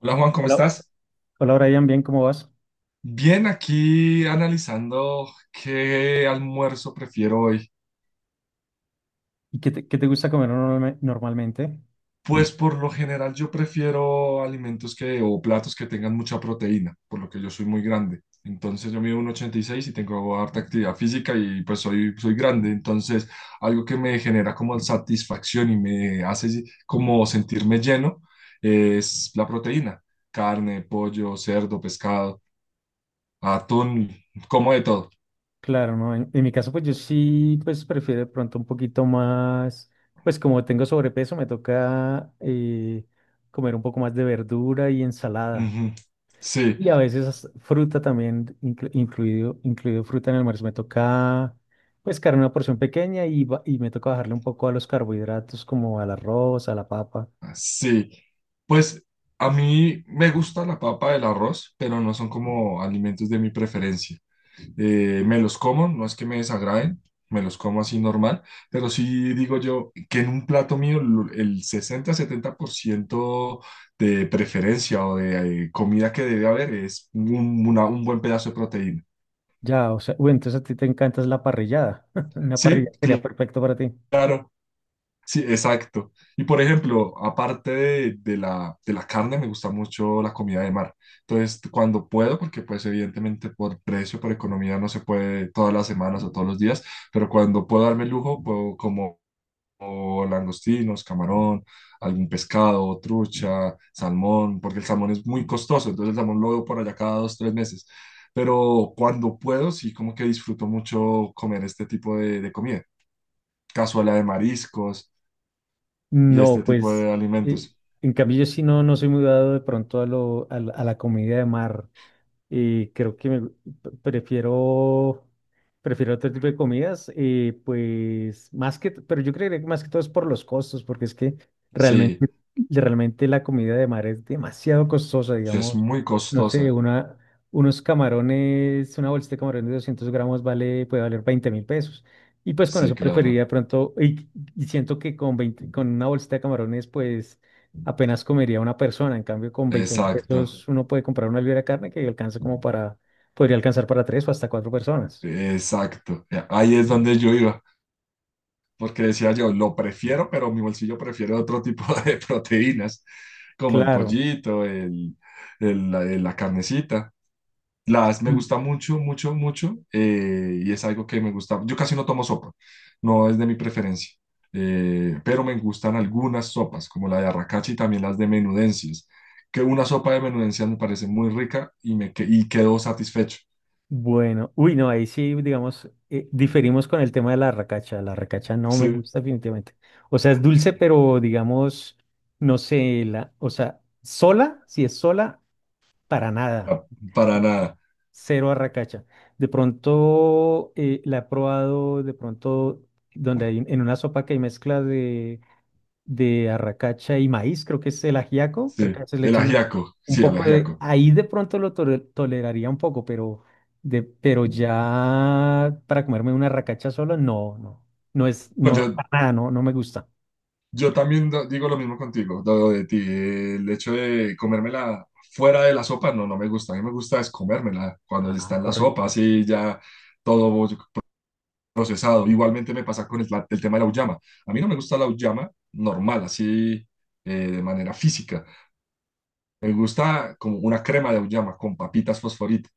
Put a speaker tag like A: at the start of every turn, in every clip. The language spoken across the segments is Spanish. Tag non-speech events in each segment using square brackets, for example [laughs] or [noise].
A: Hola Juan, ¿cómo
B: Hola,
A: estás?
B: hola Brian, bien, ¿cómo vas?
A: Bien, aquí analizando qué almuerzo prefiero hoy.
B: ¿Y qué te gusta comer normalmente?
A: Pues por lo general yo prefiero alimentos que, o platos, que tengan mucha proteína, por lo que yo soy muy grande. Entonces yo mido 1,86 y seis y tengo harta actividad física y pues soy grande. Entonces algo que me genera como satisfacción y me hace si, como sentirme lleno es la proteína. Carne, pollo, cerdo, pescado, atún, como de todo.
B: Claro, no, en mi caso pues yo sí pues prefiero de pronto un poquito más, pues como tengo sobrepeso me toca comer un poco más de verdura y ensalada
A: Ujú. Sí.
B: y a veces hasta fruta también, incluido fruta en el almuerzo, me toca pues carne una porción pequeña y me toca bajarle un poco a los carbohidratos como al arroz, a la papa.
A: Ah, sí, pues a mí me gusta la papa, el arroz, pero no son como alimentos de mi preferencia. Me los como, no es que me desagraden, me los como así normal, pero sí digo yo que en un plato mío el sesenta-setenta por ciento de preferencia o de comida que debe haber es un buen pedazo de proteína.
B: Ya, o sea, uy, entonces a ti te encanta es la parrillada. [laughs] Una parrilla
A: Sí,
B: sería
A: cl-
B: perfecto para ti.
A: claro. Sí, exacto. Y por ejemplo, aparte de la carne, me gusta mucho la comida de mar. Entonces, cuando puedo, porque pues evidentemente por precio, por economía, no se puede todas las semanas o todos los días, pero cuando puedo darme el lujo, puedo como o langostinos, camarón, algún pescado, trucha, salmón, porque el salmón es muy costoso, entonces el salmón lo veo por allá cada dos, tres meses. Pero cuando puedo, sí, como que disfruto mucho comer este tipo de comida. Cazuela de mariscos y
B: No,
A: este tipo
B: pues,
A: de
B: eh,
A: alimentos.
B: en cambio yo sí no soy muy dado de pronto a la comida de mar. Creo que pre- prefiero, prefiero otro tipo de comidas, pues, pero yo creería que más que todo es por los costos, porque es que
A: Sí,
B: realmente realmente la comida de mar es demasiado costosa,
A: es
B: digamos.
A: muy
B: No sé,
A: costosa.
B: unos camarones, una bolsita de camarones de 200 gramos puede valer 20.000 pesos. Y pues con
A: Sí,
B: eso preferiría
A: claro.
B: de pronto, y siento que con una bolsita de camarones, pues apenas comería una persona. En cambio, con veinte mil
A: Exacto,
B: pesos uno puede comprar una libra de carne que alcanza podría alcanzar para tres o hasta cuatro personas.
A: exacto. Ahí es donde yo iba, porque decía yo, lo prefiero, pero mi bolsillo prefiere otro tipo [laughs] de proteínas, como el
B: Claro.
A: pollito, la carnecita. Las me
B: Y,
A: gusta mucho, mucho, mucho, y es algo que me gusta. Yo casi no tomo sopa, no es de mi preferencia, pero me gustan algunas sopas, como la de arracachi y también las de menudencias, que una sopa de menudencias me parece muy rica y quedo satisfecho.
B: Bueno, uy, no, ahí sí, digamos, diferimos con el tema de la racacha. La racacha no me
A: Sí,
B: gusta definitivamente. O sea, es dulce, pero digamos, no sé, o sea, sola, si es sola, para nada.
A: la- para nada.
B: Cero arracacha. De pronto la he probado, de pronto, donde hay en una sopa que hay mezcla de arracacha y maíz, creo que es el ajiaco, creo
A: Sí,
B: que a veces le
A: el
B: echan
A: ajiaco, sí, el ajiaco.
B: ahí de pronto lo toleraría un poco, pero ya para comerme una arracacha solo no, no, no es,
A: No,
B: no,
A: yo
B: para nada, no, no me gusta.
A: Yo también digo lo mismo contigo, lo de ti. El hecho de comérmela fuera de la sopa, no, no me gusta. A mí me gusta es comérmela cuando
B: Ah,
A: está en la sopa,
B: correcto.
A: así ya todo procesado. Igualmente me pasa con el tema de la auyama. A mí no me gusta la auyama normal, así de manera física. Me gusta como una crema de auyama con papitas fosforito.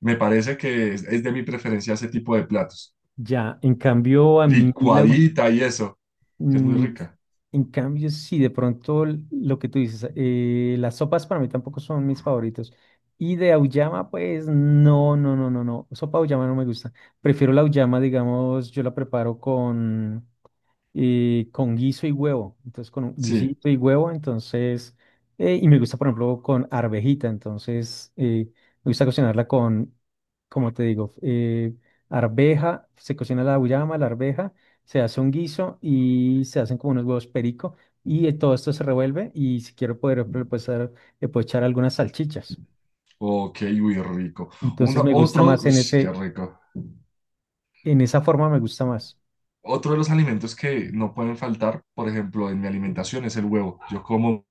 A: Me parece que es de mi preferencia ese tipo de platos.
B: Ya, en cambio a mí
A: Licuadita y eso, que es muy
B: Mm,
A: rica.
B: en cambio, sí, de pronto lo que tú dices, las sopas para mí tampoco son mis favoritos. Y de auyama, pues no, no, no, no, no. Sopa auyama no me gusta. Prefiero la auyama, digamos, yo la preparo con guiso y huevo. Entonces, con un
A: Sí.
B: guisito y huevo, entonces, y me gusta, por ejemplo, con arvejita. Entonces, me gusta cocinarla con, como te digo, arveja, se cocina la auyama, la arveja, se hace un guiso y se hacen como unos huevos perico y todo esto se revuelve y si quiero, poder ejemplo, le puedo echar algunas salchichas.
A: Ok, uy, rico.
B: Entonces,
A: Uno,
B: me gusta
A: otro,
B: más
A: uy,
B: en
A: qué
B: ese,
A: rico.
B: en esa forma me gusta más.
A: Otro de los alimentos que no pueden faltar, por ejemplo, en mi alimentación es el huevo. Yo como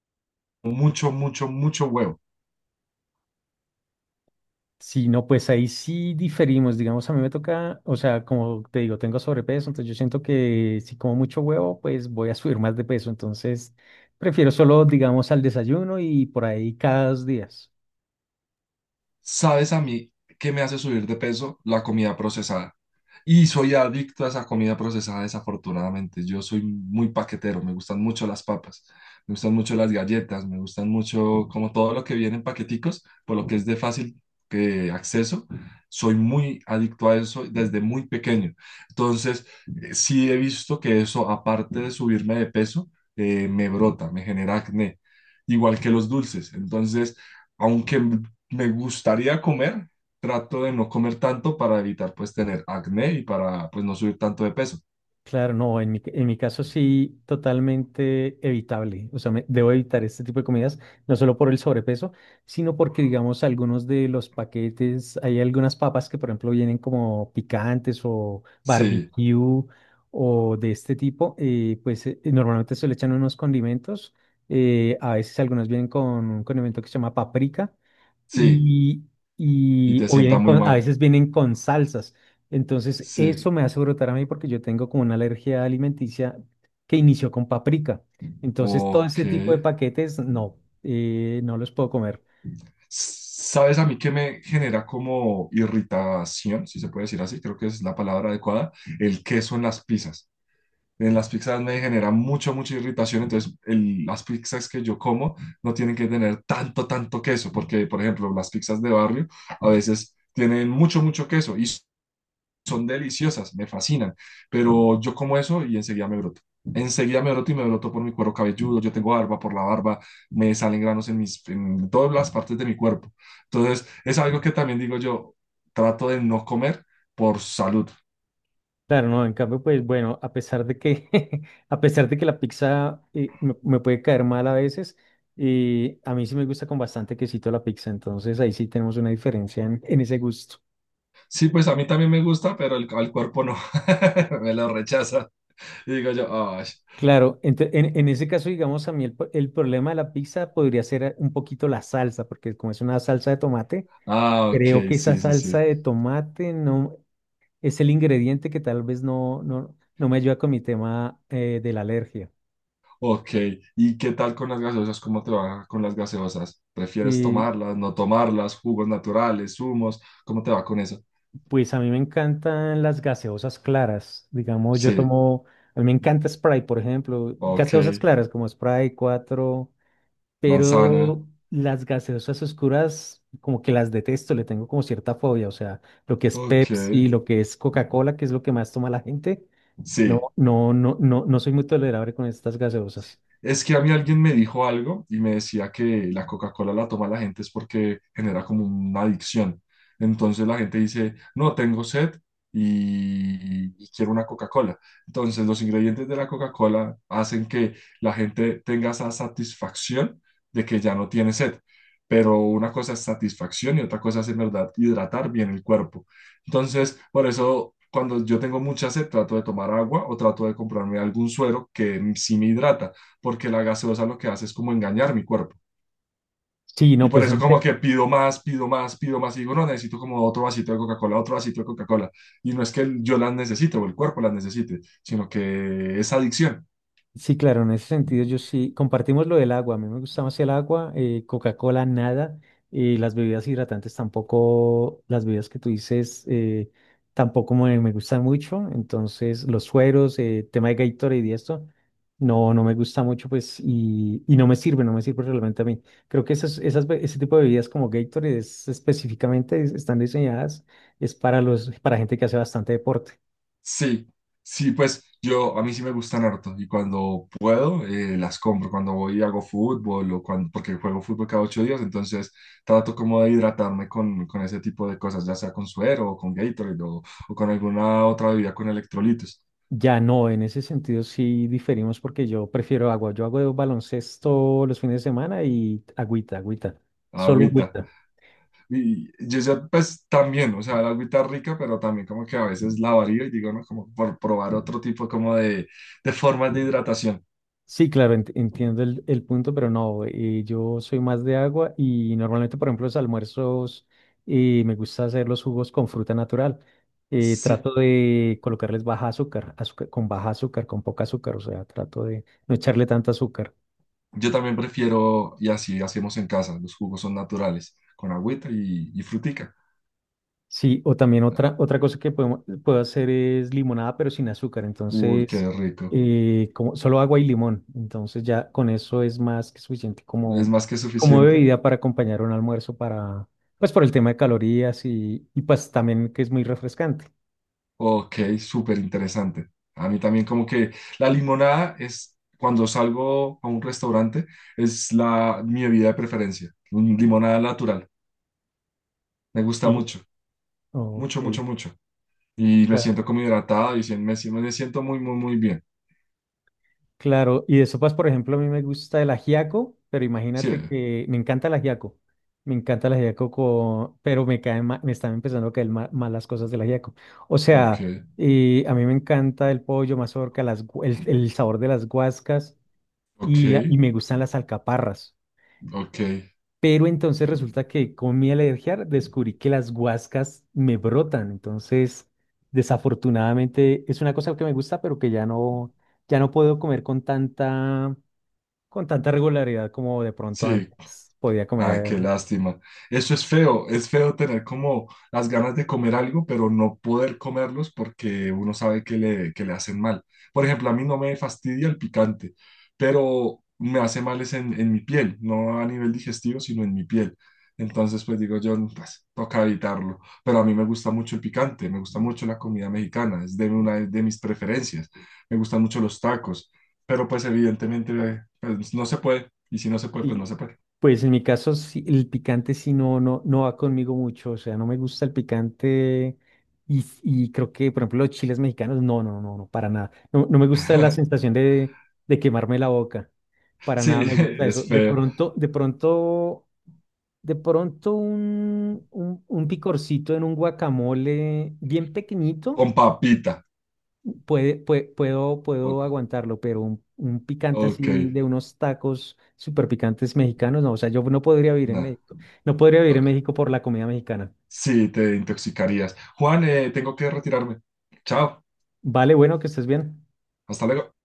A: mucho, mucho, mucho huevo.
B: Sí, no, pues ahí sí diferimos, digamos, a mí me toca, o sea, como te digo, tengo sobrepeso, entonces yo siento que si como mucho huevo, pues voy a subir más de peso, entonces prefiero solo, digamos, al desayuno y por ahí cada 2 días.
A: ¿Sabes a mí qué me hace subir de peso? La comida procesada. Y soy adicto a esa comida procesada, desafortunadamente. Yo soy muy paquetero, me gustan mucho las papas, me gustan mucho las galletas, me gustan mucho como todo lo que viene en paqueticos, por lo que es de fácil que acceso. Soy muy adicto a eso desde muy pequeño. Entonces, sí he visto que eso, aparte de subirme de peso, me brota, me genera acné, igual que los dulces. Entonces, aunque me gustaría comer, trato de no comer tanto para evitar pues tener acné y para pues no subir tanto de peso.
B: Claro, no, en mi caso sí, totalmente evitable. O sea, debo evitar este tipo de comidas, no solo por el sobrepeso, sino porque, digamos, algunos de los paquetes, hay algunas papas que, por ejemplo, vienen como picantes o
A: Sí,
B: barbecue o de este tipo, pues normalmente se le echan unos condimentos. A veces algunas vienen con un condimento que se llama paprika
A: sí,
B: y,
A: y te
B: o
A: sienta muy
B: a
A: mal.
B: veces vienen con salsas. Entonces,
A: Sí,
B: eso me hace brotar a mí porque yo tengo como una alergia alimenticia que inició con paprika. Entonces, todo
A: ok.
B: ese tipo de paquetes, no, no los puedo comer.
A: ¿Sabes a mí qué me genera como irritación, si se puede decir así? Creo que es la palabra adecuada. El queso en las pizzas. En las pizzas me genera mucha, mucha irritación. Entonces, las pizzas que yo como no tienen que tener tanto, tanto queso, porque, por ejemplo, las pizzas de barrio a veces tienen mucho, mucho queso y son deliciosas, me fascinan, pero yo como eso y enseguida me broto. Enseguida me broto y me broto por mi cuero cabelludo, yo tengo barba por la barba, me salen granos en, mis, en todas las partes de mi cuerpo. Entonces, es algo que también digo yo, trato de no comer por salud.
B: Claro, no, en cambio, pues bueno, a pesar de que, [laughs] a pesar de que la pizza me puede caer mal a veces, a mí sí me gusta con bastante quesito la pizza, entonces ahí sí tenemos una diferencia en ese gusto.
A: Sí, pues a mí también me gusta, pero al cuerpo no, [laughs] me lo rechaza. Y digo yo, "Ay,
B: Claro, en ese caso, digamos, a mí el problema de la pizza podría ser un poquito la salsa, porque como es una salsa de tomate,
A: ah, ok,
B: creo que esa
A: sí, sí,
B: salsa
A: sí".
B: de tomate no es el ingrediente que tal vez no, no, no me ayuda con mi tema de la alergia.
A: Ok, ¿y qué tal con las gaseosas? ¿Cómo te va con las gaseosas? ¿Prefieres
B: Y
A: tomarlas, no tomarlas, jugos naturales, zumos? ¿Cómo te va con eso?
B: pues a mí me encantan las gaseosas claras, digamos,
A: Sí,
B: a mí me encanta Sprite, por ejemplo,
A: ok,
B: gaseosas claras como Sprite cuatro.
A: manzana,
B: Pero las gaseosas oscuras, como que las detesto, le tengo como cierta fobia. O sea, lo que es
A: ok,
B: Pepsi, lo que es Coca-Cola, que es lo que más toma la gente. No,
A: sí.
B: no, no, no, no soy muy tolerable con estas gaseosas.
A: Es que a mí alguien me dijo algo y me decía que la Coca-Cola la toma la gente es porque genera como una adicción. Entonces la gente dice, no, tengo sed y quiero una Coca-Cola. Entonces los ingredientes de la Coca-Cola hacen que la gente tenga esa satisfacción de que ya no tiene sed. Pero una cosa es satisfacción y otra cosa es en verdad hidratar bien el cuerpo. Entonces, por eso cuando yo tengo mucha sed, trato de tomar agua o trato de comprarme algún suero que sí me hidrata porque la gaseosa lo que hace es como engañar mi cuerpo.
B: Sí,
A: Y
B: no,
A: por eso como que pido más, pido más, pido más y digo, no, necesito como otro vasito de Coca-Cola, otro vasito de Coca-Cola. Y no es que yo las necesite o el cuerpo las necesite, sino que es adicción.
B: sí, claro, en ese sentido yo sí, compartimos lo del agua, a mí me gusta más el agua, Coca-Cola nada, y las bebidas hidratantes tampoco, las bebidas que tú dices tampoco me gustan mucho, entonces los sueros, tema de Gatorade y esto, no, no me gusta mucho pues y no me sirve, no me sirve realmente a mí. Creo que ese tipo de bebidas como Gatorade específicamente están diseñadas, es para gente que hace bastante deporte.
A: Sí, sí, pues yo, a mí sí me gustan harto y cuando puedo las compro, cuando voy y hago fútbol o cuando, porque juego fútbol cada ocho días, entonces trato como de hidratarme con ese tipo de cosas, ya sea con suero o con Gatorade o con alguna otra bebida con electrolitos,
B: Ya no, en ese sentido sí diferimos porque yo prefiero agua. Yo hago baloncesto los fines de semana y agüita, agüita, solo
A: agüita.
B: agüita.
A: Y yo pues también, o sea, el agüita rica, pero también como que a veces la varío y digo, no, como por probar otro tipo como de formas de hidratación.
B: Sí, claro, entiendo el punto, pero no, yo soy más de agua y normalmente, por ejemplo, los almuerzos me gusta hacer los jugos con fruta natural.
A: Sí,
B: Trato de colocarles baja azúcar, azúcar, con baja azúcar, con poca azúcar, o sea, trato de no echarle tanta azúcar.
A: yo también prefiero, y así hacemos en casa, los jugos son naturales, con agüita y frutica.
B: Sí, o también otra cosa que puedo hacer es limonada, pero sin azúcar.
A: Uy, qué
B: Entonces,
A: rico.
B: como, solo agua y limón. Entonces ya con eso es más que suficiente
A: ¿Es
B: como,
A: más que
B: como
A: suficiente?
B: bebida para acompañar un almuerzo para, pues por el tema de calorías y pues también que es muy refrescante.
A: Ok, súper interesante. A mí también como que la limonada es, cuando salgo a un restaurante, es mi bebida de preferencia, un limonada natural. Me gusta
B: Sí,
A: mucho.
B: ok.
A: Mucho, mucho, mucho. Y me siento como hidratado y me siento muy, muy, muy bien.
B: Claro, y de sopas, por ejemplo, a mí me gusta el ajiaco, pero
A: Sí,
B: imagínate que me encanta el ajiaco. Me encanta el ajiaco, pero me están empezando a caer mal las cosas del ajiaco. O
A: ok,
B: sea, a mí me encanta el pollo, mazorca, el sabor de las guascas
A: ok,
B: y me gustan las alcaparras.
A: ok.
B: Pero entonces resulta que con mi alergia descubrí que las guascas me brotan. Entonces, desafortunadamente, es una cosa que me gusta, pero que ya no puedo comer con tanta regularidad como de pronto
A: Sí,
B: antes podía
A: ay,
B: comer.
A: qué lástima. Eso es feo tener como las ganas de comer algo, pero no poder comerlos porque uno sabe que le hacen mal. Por ejemplo, a mí no me fastidia el picante, pero me hace mal es en mi piel, no a nivel digestivo, sino en mi piel. Entonces, pues digo yo, "Mm, pues toca evitarlo". Pero a mí me gusta mucho el picante, me gusta mucho la comida mexicana, es de una de mis preferencias. Me gustan mucho los tacos, pero pues evidentemente, pues, no se puede. Y si no se puede, pues no
B: Sí.
A: se puede.
B: Pues en mi caso, sí, el picante sí no, no, no va conmigo mucho, o sea, no me gusta el picante y creo que, por ejemplo, los chiles mexicanos, no, no, no, no, para nada. No, no me gusta la
A: [laughs]
B: sensación de quemarme la boca, para nada
A: Sí,
B: me
A: [laughs]
B: gusta eso.
A: es
B: De
A: feo.
B: pronto, de pronto, de pronto un picorcito en un guacamole bien pequeñito.
A: Con papita.
B: Puede, pue- puedo,
A: O-
B: puedo aguantarlo, pero un picante
A: Ok,
B: así de unos tacos súper picantes mexicanos, no, o sea, yo no podría vivir en
A: nada.
B: México, no podría vivir en México por la comida mexicana.
A: Sí, te intoxicarías. Juan, tengo que retirarme. Chao,
B: Vale, bueno, que estés bien.
A: hasta luego.